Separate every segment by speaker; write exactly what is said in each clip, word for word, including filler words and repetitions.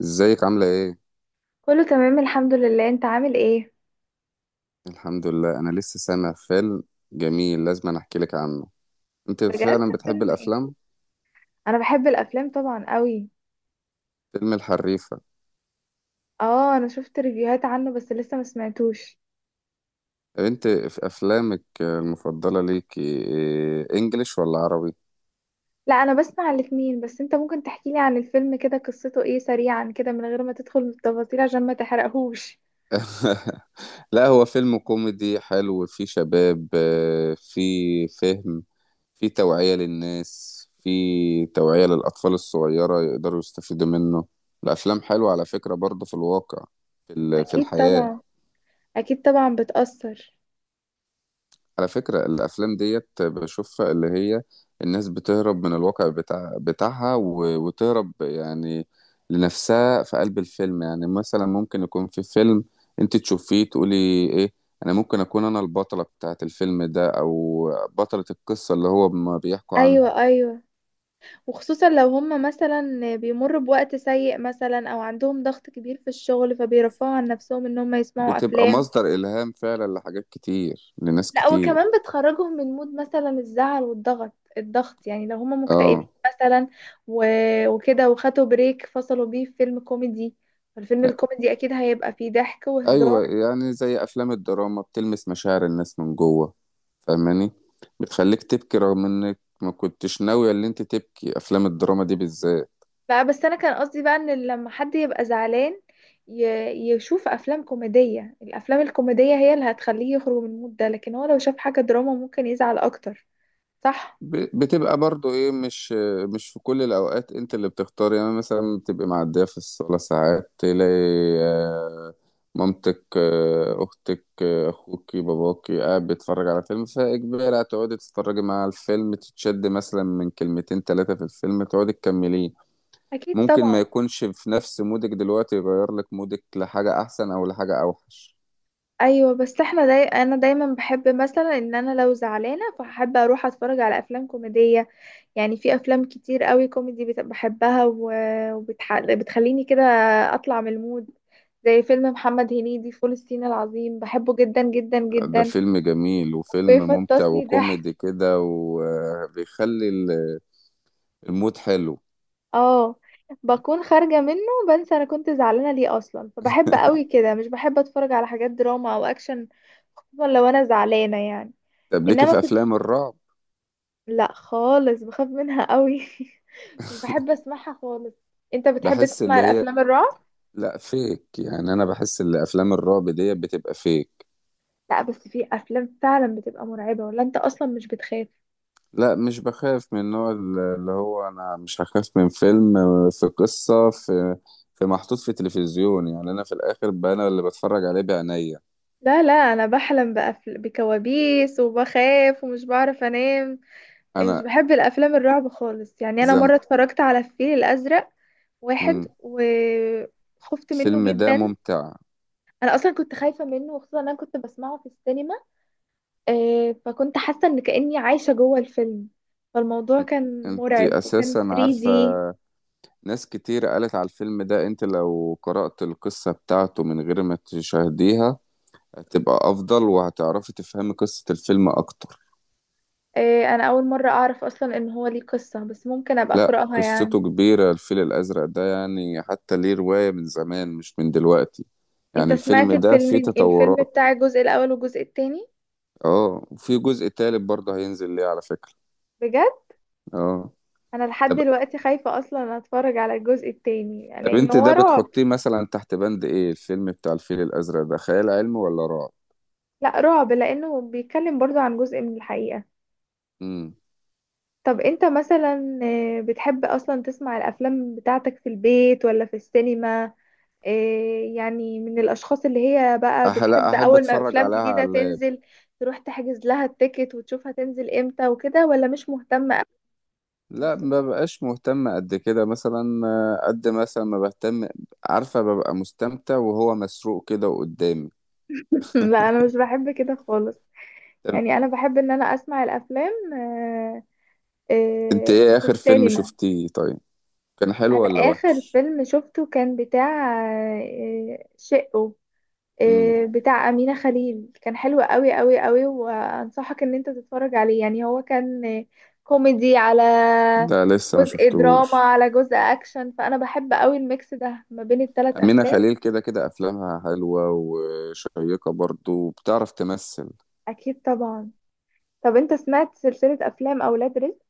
Speaker 1: ازيك عاملة ايه؟
Speaker 2: كله تمام الحمد لله، انت عامل ايه؟
Speaker 1: الحمد لله. انا لسه سامع فيلم جميل، لازم أنا احكي لك عنه. انت
Speaker 2: بجد؟
Speaker 1: فعلا بتحب
Speaker 2: فيلم ايه؟
Speaker 1: الافلام؟
Speaker 2: انا بحب الافلام طبعا قوي.
Speaker 1: فيلم الحريفة.
Speaker 2: اه، انا شفت ريفيوهات عنه بس لسه ما سمعتوش.
Speaker 1: طب انت في افلامك المفضلة ليك إيه، انجليش ولا عربي؟
Speaker 2: لا انا بسمع الاتنين، بس انت ممكن تحكي لي عن الفيلم كده قصته ايه سريعا كده من غير ما تدخل التفاصيل عشان ما تحرقهوش.
Speaker 1: لا، هو فيلم كوميدي حلو فيه شباب، آه، فيه فهم، فيه توعية للناس، فيه توعية للأطفال الصغيرة يقدروا يستفيدوا منه. الأفلام حلوة على فكرة برضه في الواقع، في ال- في
Speaker 2: اكيد
Speaker 1: الحياة.
Speaker 2: طبعا. اكيد طبعا بتأثر.
Speaker 1: على فكرة الأفلام ديت بشوفها اللي هي الناس بتهرب من الواقع بتاع بتاعها و- وتهرب يعني لنفسها في قلب الفيلم. يعني مثلا ممكن يكون في فيلم أنت تشوفيه تقولي إيه، أنا ممكن أكون أنا البطلة بتاعة الفيلم ده أو بطلة القصة اللي هو ما بيحكوا عنها.
Speaker 2: ايوه، ايوه. وخصوصا لو هم مثلا بيمروا بوقت سيء مثلا او عندهم ضغط كبير في الشغل فبيرفعوا عن نفسهم ان هم يسمعوا
Speaker 1: بتبقى
Speaker 2: افلام.
Speaker 1: مصدر إلهام فعلا لحاجات كتير لناس
Speaker 2: لا وكمان
Speaker 1: كتير.
Speaker 2: بتخرجهم من مود مثلا الزعل والضغط، الضغط يعني لو هما مكتئبين
Speaker 1: آه.
Speaker 2: مثلا. و... وكده وخدوا بريك فصلوا بيه في فيلم كوميدي. فالفيلم الكوميدي اكيد هيبقى فيه ضحك وهزار.
Speaker 1: أيوة، يعني زي أفلام الدراما بتلمس مشاعر الناس من جوه، فاهماني؟ بتخليك تبكي رغم انك ما كنتش ناوية اللي انت تبكي، افلام الدراما دي بالذات.
Speaker 2: بقى بس انا كان قصدي بقى ان لما حد يبقى زعلان ي... يشوف افلام كوميدية. الافلام الكوميدية هي اللي هتخليه يخرج من المود ده، لكن هو لو شاف حاجة دراما ممكن يزعل اكتر. صح.
Speaker 1: ب- بتبقى برضو ايه، مش مش في كل الاوقات انت اللي بتختار. يعني مثلا بتبقى معدية في الصالة، ساعات تلاقي آه، مامتك، آه، اختك، آه، اخوكي باباكي قاعد بيتفرج على فيلم، فاجباري هتقعدي تتفرجي مع الفيلم، تتشد مثلا من كلمتين ثلاثة في الفيلم تقعدي تكمليه.
Speaker 2: اكيد
Speaker 1: ممكن ما
Speaker 2: طبعا.
Speaker 1: يكونش في نفس مودك دلوقتي، يغير لك مودك لحاجة احسن او لحاجة اوحش.
Speaker 2: ايوه، بس احنا داي... انا دايما بحب مثلا ان انا لو زعلانة فحب اروح اتفرج على افلام كوميدية. يعني في افلام كتير قوي كوميدي بت- بحبها و- وبتح... بتخليني كده اطلع من المود. زي فيلم محمد هنيدي فول الصين العظيم، بحبه جدا جدا
Speaker 1: ده
Speaker 2: جدا.
Speaker 1: فيلم جميل وفيلم ممتع
Speaker 2: بيفطسني
Speaker 1: وكوميدي
Speaker 2: ضحك.
Speaker 1: كده، وبيخلي ال- المود حلو.
Speaker 2: اه. بكون خارجة منه. بنسى انا كنت زعلانة ليه اصلا، فبحب قوي كده مش بحب اتفرج على حاجات دراما او اكشن. خصوصا لو انا زعلانة يعني.
Speaker 1: طب ليكي
Speaker 2: انما
Speaker 1: في
Speaker 2: في.
Speaker 1: افلام الرعب؟
Speaker 2: لا خالص بخاف منها قوي. مش بحب اسمعها خالص. انت بتحب
Speaker 1: بحس
Speaker 2: تسمع
Speaker 1: اللي هي
Speaker 2: الافلام الرعب؟
Speaker 1: لا فيك، يعني انا بحس ان افلام الرعب دي بتبقى فيك.
Speaker 2: لا، بس في افلام فعلا بتبقى مرعبة، ولا انت اصلا مش بتخاف؟
Speaker 1: لا مش بخاف من النوع ال- اللي هو، انا مش هخاف من فيلم في قصة، في في محطوط في تلفزيون. يعني انا في الاخر بقى انا اللي بتفرج عليه بعينيا.
Speaker 2: لا لا، انا بحلم بأفل... بكوابيس وبخاف ومش بعرف انام. يعني مش
Speaker 1: انا.
Speaker 2: بحب الافلام الرعب خالص، يعني انا
Speaker 1: زم
Speaker 2: مرة اتفرجت على الفيل الازرق واحد
Speaker 1: مم.
Speaker 2: وخفت منه
Speaker 1: الفيلم ده
Speaker 2: جدا.
Speaker 1: ممتع.
Speaker 2: انا اصلا كنت خايفة منه، وخصوصا إن انا كنت بسمعه في السينما. آه، فكنت حاسة ان كأني عايشة جوه الفيلم. فالموضوع كان
Speaker 1: انت
Speaker 2: مرعب وكان
Speaker 1: اساسا عارفة،
Speaker 2: ثري دي.
Speaker 1: ناس كتير قالت على الفيلم ده انت لو قرأت القصة بتاعته من غير ما تشاهديها هتبقى افضل، وهتعرفي تفهمي قصة الفيلم اكتر.
Speaker 2: آه، انا اول مرة اعرف اصلا ان هو ليه قصة، بس ممكن ابقى
Speaker 1: لا
Speaker 2: اقرأها يعني.
Speaker 1: قصته كبيرة، الفيل الازرق ده يعني حتى ليه رواية من زمان مش من دلوقتي.
Speaker 2: انت
Speaker 1: يعني الفيلم
Speaker 2: سمعت
Speaker 1: ده فيه
Speaker 2: الفيلم الفيلم
Speaker 1: تطورات.
Speaker 2: بتاع الجزء الاول والجزء التاني؟
Speaker 1: اه، وفي جزء تالت برضه هينزل ليه على فكرة.
Speaker 2: بجد؟
Speaker 1: اه.
Speaker 2: انا لحد
Speaker 1: طب
Speaker 2: دلوقتي خايفة اصلا اتفرج على الجزء التاني
Speaker 1: طب
Speaker 2: لان
Speaker 1: انت
Speaker 2: هو
Speaker 1: ده
Speaker 2: رعب.
Speaker 1: بتحطيه مثلا تحت بند ايه، الفيلم بتاع الفيل الازرق ده خيال علمي ولا رعب؟
Speaker 2: لا، رعب لانه بيتكلم برضو عن جزء من الحقيقة.
Speaker 1: امم
Speaker 2: طب انت مثلا آه، بتحب اصلا تسمع الافلام بتاعتك في البيت ولا في السينما؟ آه، يعني من الاشخاص اللي هي بقى
Speaker 1: أح- لا،
Speaker 2: بتحب
Speaker 1: احب
Speaker 2: اول ما
Speaker 1: اتفرج
Speaker 2: افلام
Speaker 1: عليها
Speaker 2: جديدة
Speaker 1: على،
Speaker 2: تنزل تروح تحجز لها التيكت وتشوفها تنزل امتى وكده، ولا مش مهتمة أوي؟
Speaker 1: لا ما ببقاش مهتم قد كده. مثلا آه، قد مثلا ما بهتم، عارفة، ببقى مستمتع وهو مسروق كده قدامي.
Speaker 2: لا انا مش بحب كده خالص.
Speaker 1: طب
Speaker 2: يعني انا بحب ان انا اسمع الافلام آه،
Speaker 1: انت
Speaker 2: آه،
Speaker 1: ايه
Speaker 2: في
Speaker 1: اخر فيلم
Speaker 2: السينما.
Speaker 1: شفتيه؟ طيب كان حلو
Speaker 2: انا
Speaker 1: ولا
Speaker 2: اخر
Speaker 1: وحش؟
Speaker 2: فيلم شفته كان بتاع آه، شقه،
Speaker 1: امم
Speaker 2: آه، بتاع امينة خليل، كان حلو قوي قوي قوي وانصحك ان انت تتفرج عليه. يعني هو كان آه، كوميدي على
Speaker 1: ده لسه ما
Speaker 2: جزء دراما
Speaker 1: شفتهوش.
Speaker 2: على جزء اكشن، فانا بحب قوي الميكس ده ما بين الثلاث
Speaker 1: أمينة
Speaker 2: افلام.
Speaker 1: خليل كده كده أفلامها حلوة وشيقة، برضو بتعرف تمثل.
Speaker 2: اكيد طبعا. طب انت سمعت سلسلة افلام اولاد رزق؟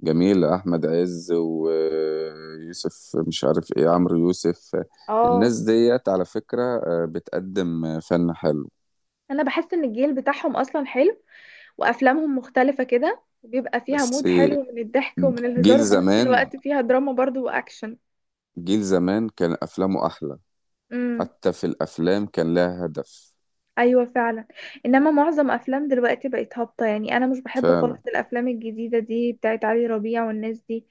Speaker 1: جميلة. أحمد عز ويوسف مش عارف إيه، عمرو يوسف.
Speaker 2: اه.
Speaker 1: الناس ديت على فكرة آه، بتقدم فن حلو.
Speaker 2: انا بحس ان الجيل بتاعهم اصلا حلو، وافلامهم مختلفة كده وبيبقى فيها
Speaker 1: بس
Speaker 2: مود حلو من الضحك ومن
Speaker 1: جيل
Speaker 2: الهزار، وفي نفس
Speaker 1: زمان
Speaker 2: الوقت فيها دراما برضو واكشن.
Speaker 1: جيل زمان كان أفلامه أحلى.
Speaker 2: امم.
Speaker 1: حتى في الأفلام كان لها هدف.
Speaker 2: ايوه، فعلا. انما معظم افلام دلوقتي بقت هابطة يعني، انا مش بحب
Speaker 1: فعلا.
Speaker 2: خالص الافلام الجديدة دي بتاعت علي ربيع والناس دي.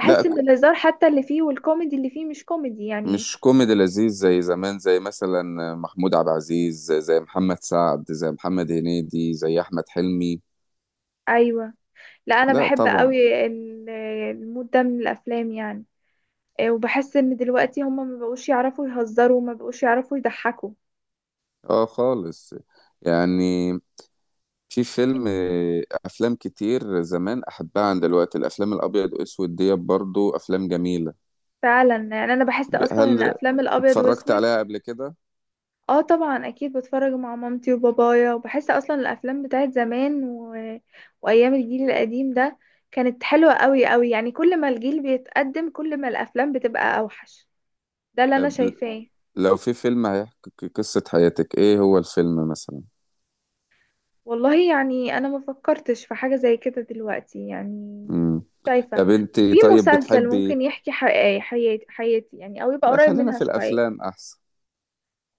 Speaker 1: لا
Speaker 2: ان
Speaker 1: ك-
Speaker 2: الهزار حتى اللي فيه والكوميدي اللي فيه مش كوميدي يعني.
Speaker 1: مش كوميدي لذيذ زي زمان، زي مثلا محمود عبد العزيز، زي زي محمد سعد، زي محمد هنيدي، زي أحمد حلمي.
Speaker 2: ايوه. لا انا
Speaker 1: لا
Speaker 2: بحب
Speaker 1: طبعا.
Speaker 2: قوي ال- المود ده من الافلام يعني. إيه، وبحس ان دلوقتي هما ما بقوش يعرفوا يهزروا وما بقوش يعرفوا يضحكوا.
Speaker 1: اه خالص. يعني في فيلم، أفلام كتير زمان أحبها عن دلوقتي. الأفلام الأبيض وأسود ديت برضو أفلام جميلة.
Speaker 2: فعلا، يعني انا بحس
Speaker 1: ب-
Speaker 2: اصلا ان
Speaker 1: هل
Speaker 2: افلام الابيض
Speaker 1: اتفرجت
Speaker 2: واسود.
Speaker 1: عليها قبل كده؟
Speaker 2: اه طبعا، اكيد بتفرج مع مامتي وبابايا، وبحس اصلا الافلام بتاعت زمان و... وايام الجيل القديم ده كانت حلوة قوي قوي، يعني كل ما الجيل بيتقدم كل ما الافلام بتبقى اوحش. ده اللي انا
Speaker 1: طب
Speaker 2: شايفاه.
Speaker 1: لو في فيلم هيحكي ق- قصة حياتك، ايه هو الفيلم مثلا؟
Speaker 2: والله يعني انا ما فكرتش في حاجة زي كده دلوقتي يعني.
Speaker 1: امم.
Speaker 2: شايفة.
Speaker 1: طب انت
Speaker 2: في
Speaker 1: طيب
Speaker 2: مسلسل
Speaker 1: بتحبي
Speaker 2: ممكن
Speaker 1: إيه؟
Speaker 2: يحكي حقيقي حياتي حياتي يعني، او يبقى
Speaker 1: لا
Speaker 2: قريب
Speaker 1: خلينا
Speaker 2: منها
Speaker 1: في
Speaker 2: شوية.
Speaker 1: الافلام احسن.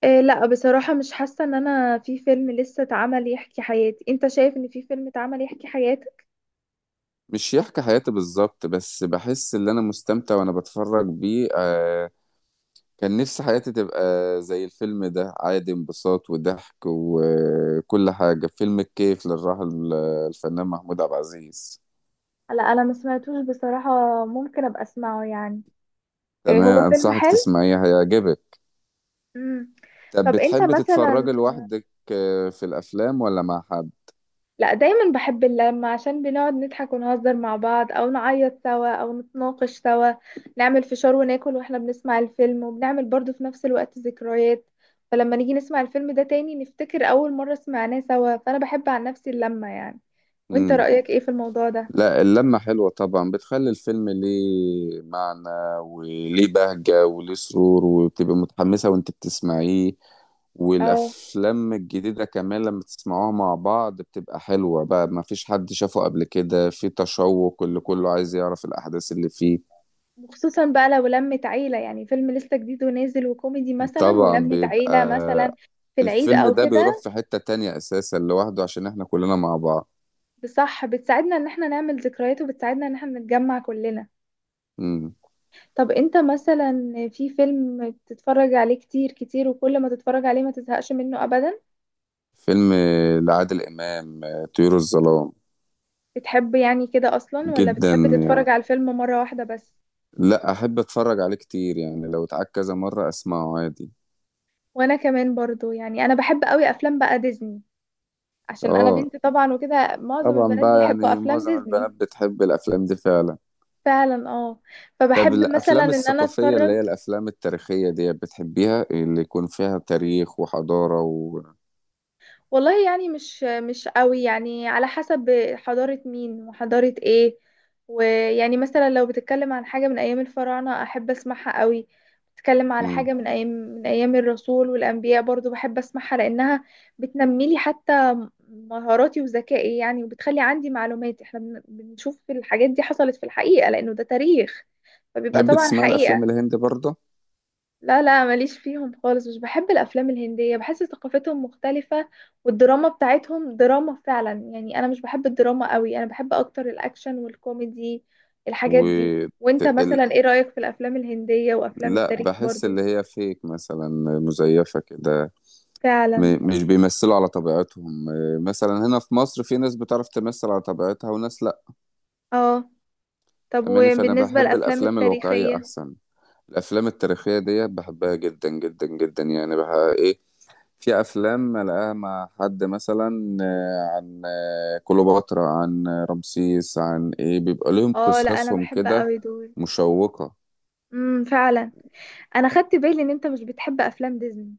Speaker 2: إيه لا بصراحة مش حاسة ان انا في فيلم لسه اتعمل يحكي حياتي، انت شايف ان في فيلم اتعمل يحكي حياتي؟
Speaker 1: مش يحكي حياتي بالظبط، بس بحس ان انا مستمتع وانا بتفرج بيه آه. كان نفسي حياتي تبقى زي الفيلم ده، عادي انبساط وضحك وكل حاجة. فيلم الكيف للراحل الفنان محمود عبد العزيز.
Speaker 2: لا انا ما سمعتوش بصراحة. ممكن ابقى اسمعه يعني. إيه،
Speaker 1: تمام
Speaker 2: هو فيلم
Speaker 1: انصحك
Speaker 2: حلو.
Speaker 1: تسمعيه، هيعجبك.
Speaker 2: امم.
Speaker 1: طب
Speaker 2: طب انت
Speaker 1: بتحبي
Speaker 2: مثلا.
Speaker 1: تتفرجي لوحدك آه، في الافلام ولا مع حد؟
Speaker 2: لا دايما بحب اللمة عشان بنقعد نضحك ونهزر مع بعض، او نعيط سوا، او نتناقش سوا. نعمل فشار وناكل واحنا بنسمع الفيلم، وبنعمل برضو في نفس الوقت ذكريات. فلما نيجي نسمع الفيلم ده تاني نفتكر اول مرة سمعناه سوا، فانا بحب عن نفسي اللمة يعني. وانت
Speaker 1: امم.
Speaker 2: رأيك ايه في الموضوع ده؟
Speaker 1: لا اللمة حلوة طبعا، بتخلي الفيلم ليه معنى وليه بهجة وليه سرور، وبتبقى متحمسة وانت بتسمعيه.
Speaker 2: اه.
Speaker 1: والأفلام الجديدة كمان لما تسمعوها مع بعض بتبقى حلوة، بقى ما فيش حد شافه قبل كده، في تشوق اللي كله عايز يعرف الأحداث اللي فيه.
Speaker 2: وخصوصا بقى لو لمت عيلة، يعني فيلم لسه جديد ونازل وكوميدي مثلا،
Speaker 1: طبعا
Speaker 2: ولمت
Speaker 1: بيبقى
Speaker 2: عيلة مثلا في العيد
Speaker 1: الفيلم
Speaker 2: او
Speaker 1: ده بيروح
Speaker 2: كده.
Speaker 1: في حتة تانية أساسا لوحده عشان احنا كلنا مع بعض.
Speaker 2: بصح بتساعدنا ان احنا نعمل ذكريات، وبتساعدنا ان احنا نتجمع كلنا.
Speaker 1: مم.
Speaker 2: طب انت مثلا. في فيلم بتتفرج عليه كتير كتير وكل ما تتفرج عليه ما تزهقش منه ابدا؟
Speaker 1: فيلم لعادل إمام، آه، طيور الظلام.
Speaker 2: بتحب يعني كده اصلا، ولا
Speaker 1: جدا.
Speaker 2: بتحب تتفرج على الفيلم مرة واحدة بس؟
Speaker 1: لا احب اتفرج عليه كتير، يعني لو اتعاد كذا مرة اسمعه عادي.
Speaker 2: وانا كمان برضو يعني انا بحب قوي افلام بقى ديزني، عشان انا
Speaker 1: اه
Speaker 2: بنت طبعا، وكده معظم
Speaker 1: طبعا
Speaker 2: البنات
Speaker 1: بقى،
Speaker 2: بيحبوا
Speaker 1: يعني
Speaker 2: افلام
Speaker 1: معظم
Speaker 2: ديزني.
Speaker 1: البنات بتحب الافلام دي فعلا.
Speaker 2: فعلا اه.
Speaker 1: طب
Speaker 2: فبحب مثلا
Speaker 1: الافلام
Speaker 2: ان انا
Speaker 1: الثقافية اللي
Speaker 2: اتفرج.
Speaker 1: هي الافلام التاريخية دي بتحبيها؟ اللي يكون فيها تاريخ وحضارة و...
Speaker 2: والله يعني مش مش قوي، يعني على حسب حضارة مين وحضارة ايه. ويعني مثلا لو بتتكلم عن حاجة من ايام الفراعنة احب اسمعها قوي. بتتكلم على
Speaker 1: مم.
Speaker 2: حاجة من ايام من ايام الرسول والانبياء برضو بحب اسمعها لانها بتنمي لي حتى مهاراتي وذكائي يعني، وبتخلي عندي معلومات. احنا بن- بنشوف الحاجات دي حصلت في الحقيقة لانه ده تاريخ، فبيبقى
Speaker 1: تحب
Speaker 2: طبعا
Speaker 1: تسمع الافلام
Speaker 2: حقيقة.
Speaker 1: الهندي برضه؟
Speaker 2: لا لا، ماليش فيهم خالص، مش بحب الافلام الهنديه، بحس ثقافتهم مختلفه. والدراما بتاعتهم دراما فعلا يعني، انا مش بحب الدراما قوي، انا بحب اكتر الاكشن والكوميدي
Speaker 1: و
Speaker 2: الحاجات دي.
Speaker 1: ت-
Speaker 2: وانت
Speaker 1: ال...
Speaker 2: مثلا ايه رايك في الافلام الهنديه وافلام
Speaker 1: لا،
Speaker 2: التاريخ
Speaker 1: بحس
Speaker 2: برضو؟
Speaker 1: اللي هي فيك مثلا، مزيفة كده.
Speaker 2: فعلا
Speaker 1: م... مش بيمثلوا على طبيعتهم. آه، مثلا هنا في مصر في ناس بتعرف تمثل على طبيعتها وناس لا.
Speaker 2: اه. طب
Speaker 1: أماني، فأنا
Speaker 2: وبالنسبه
Speaker 1: بحب
Speaker 2: للافلام
Speaker 1: الأفلام الواقعية
Speaker 2: التاريخيه؟
Speaker 1: أحسن. الأفلام التاريخية دي بحبها جدا جدا جدا، يعني بها إيه. في أفلام ألاقيها مع حد مثلا آه، عن آه، كليوباترا، عن آه، رمسيس، عن إيه، بيبقى لهم
Speaker 2: اه لا انا
Speaker 1: قصصهم
Speaker 2: بحب
Speaker 1: كده
Speaker 2: قوي دول.
Speaker 1: مشوقة.
Speaker 2: امم، فعلا. انا خدت بالي ان انت مش بتحب افلام ديزني.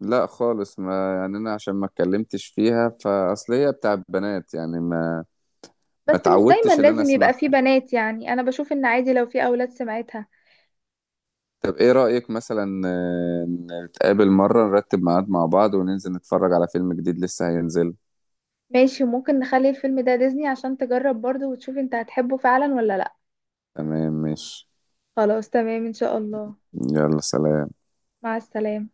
Speaker 1: لا خالص، ما يعني أنا عشان ما اتكلمتش فيها فأصل هي بتاع البنات، يعني ما ما
Speaker 2: بس مش دايما
Speaker 1: اتعودتش اللي أنا
Speaker 2: لازم يبقى فيه
Speaker 1: أسمعها.
Speaker 2: بنات، يعني انا بشوف ان عادي لو في اولاد سمعتها.
Speaker 1: طب إيه رأيك، مثلا آه، نتقابل مرة نرتب ميعاد مع بعض وننزل نتفرج على فيلم جديد لسه هينزل.
Speaker 2: ماشي، وممكن نخلي الفيلم ده ديزني عشان تجرب برضه وتشوف انت هتحبه فعلا ولا لا.
Speaker 1: تمام ماشي.
Speaker 2: خلاص تمام ان شاء الله.
Speaker 1: يلا سلام.
Speaker 2: مع السلامة.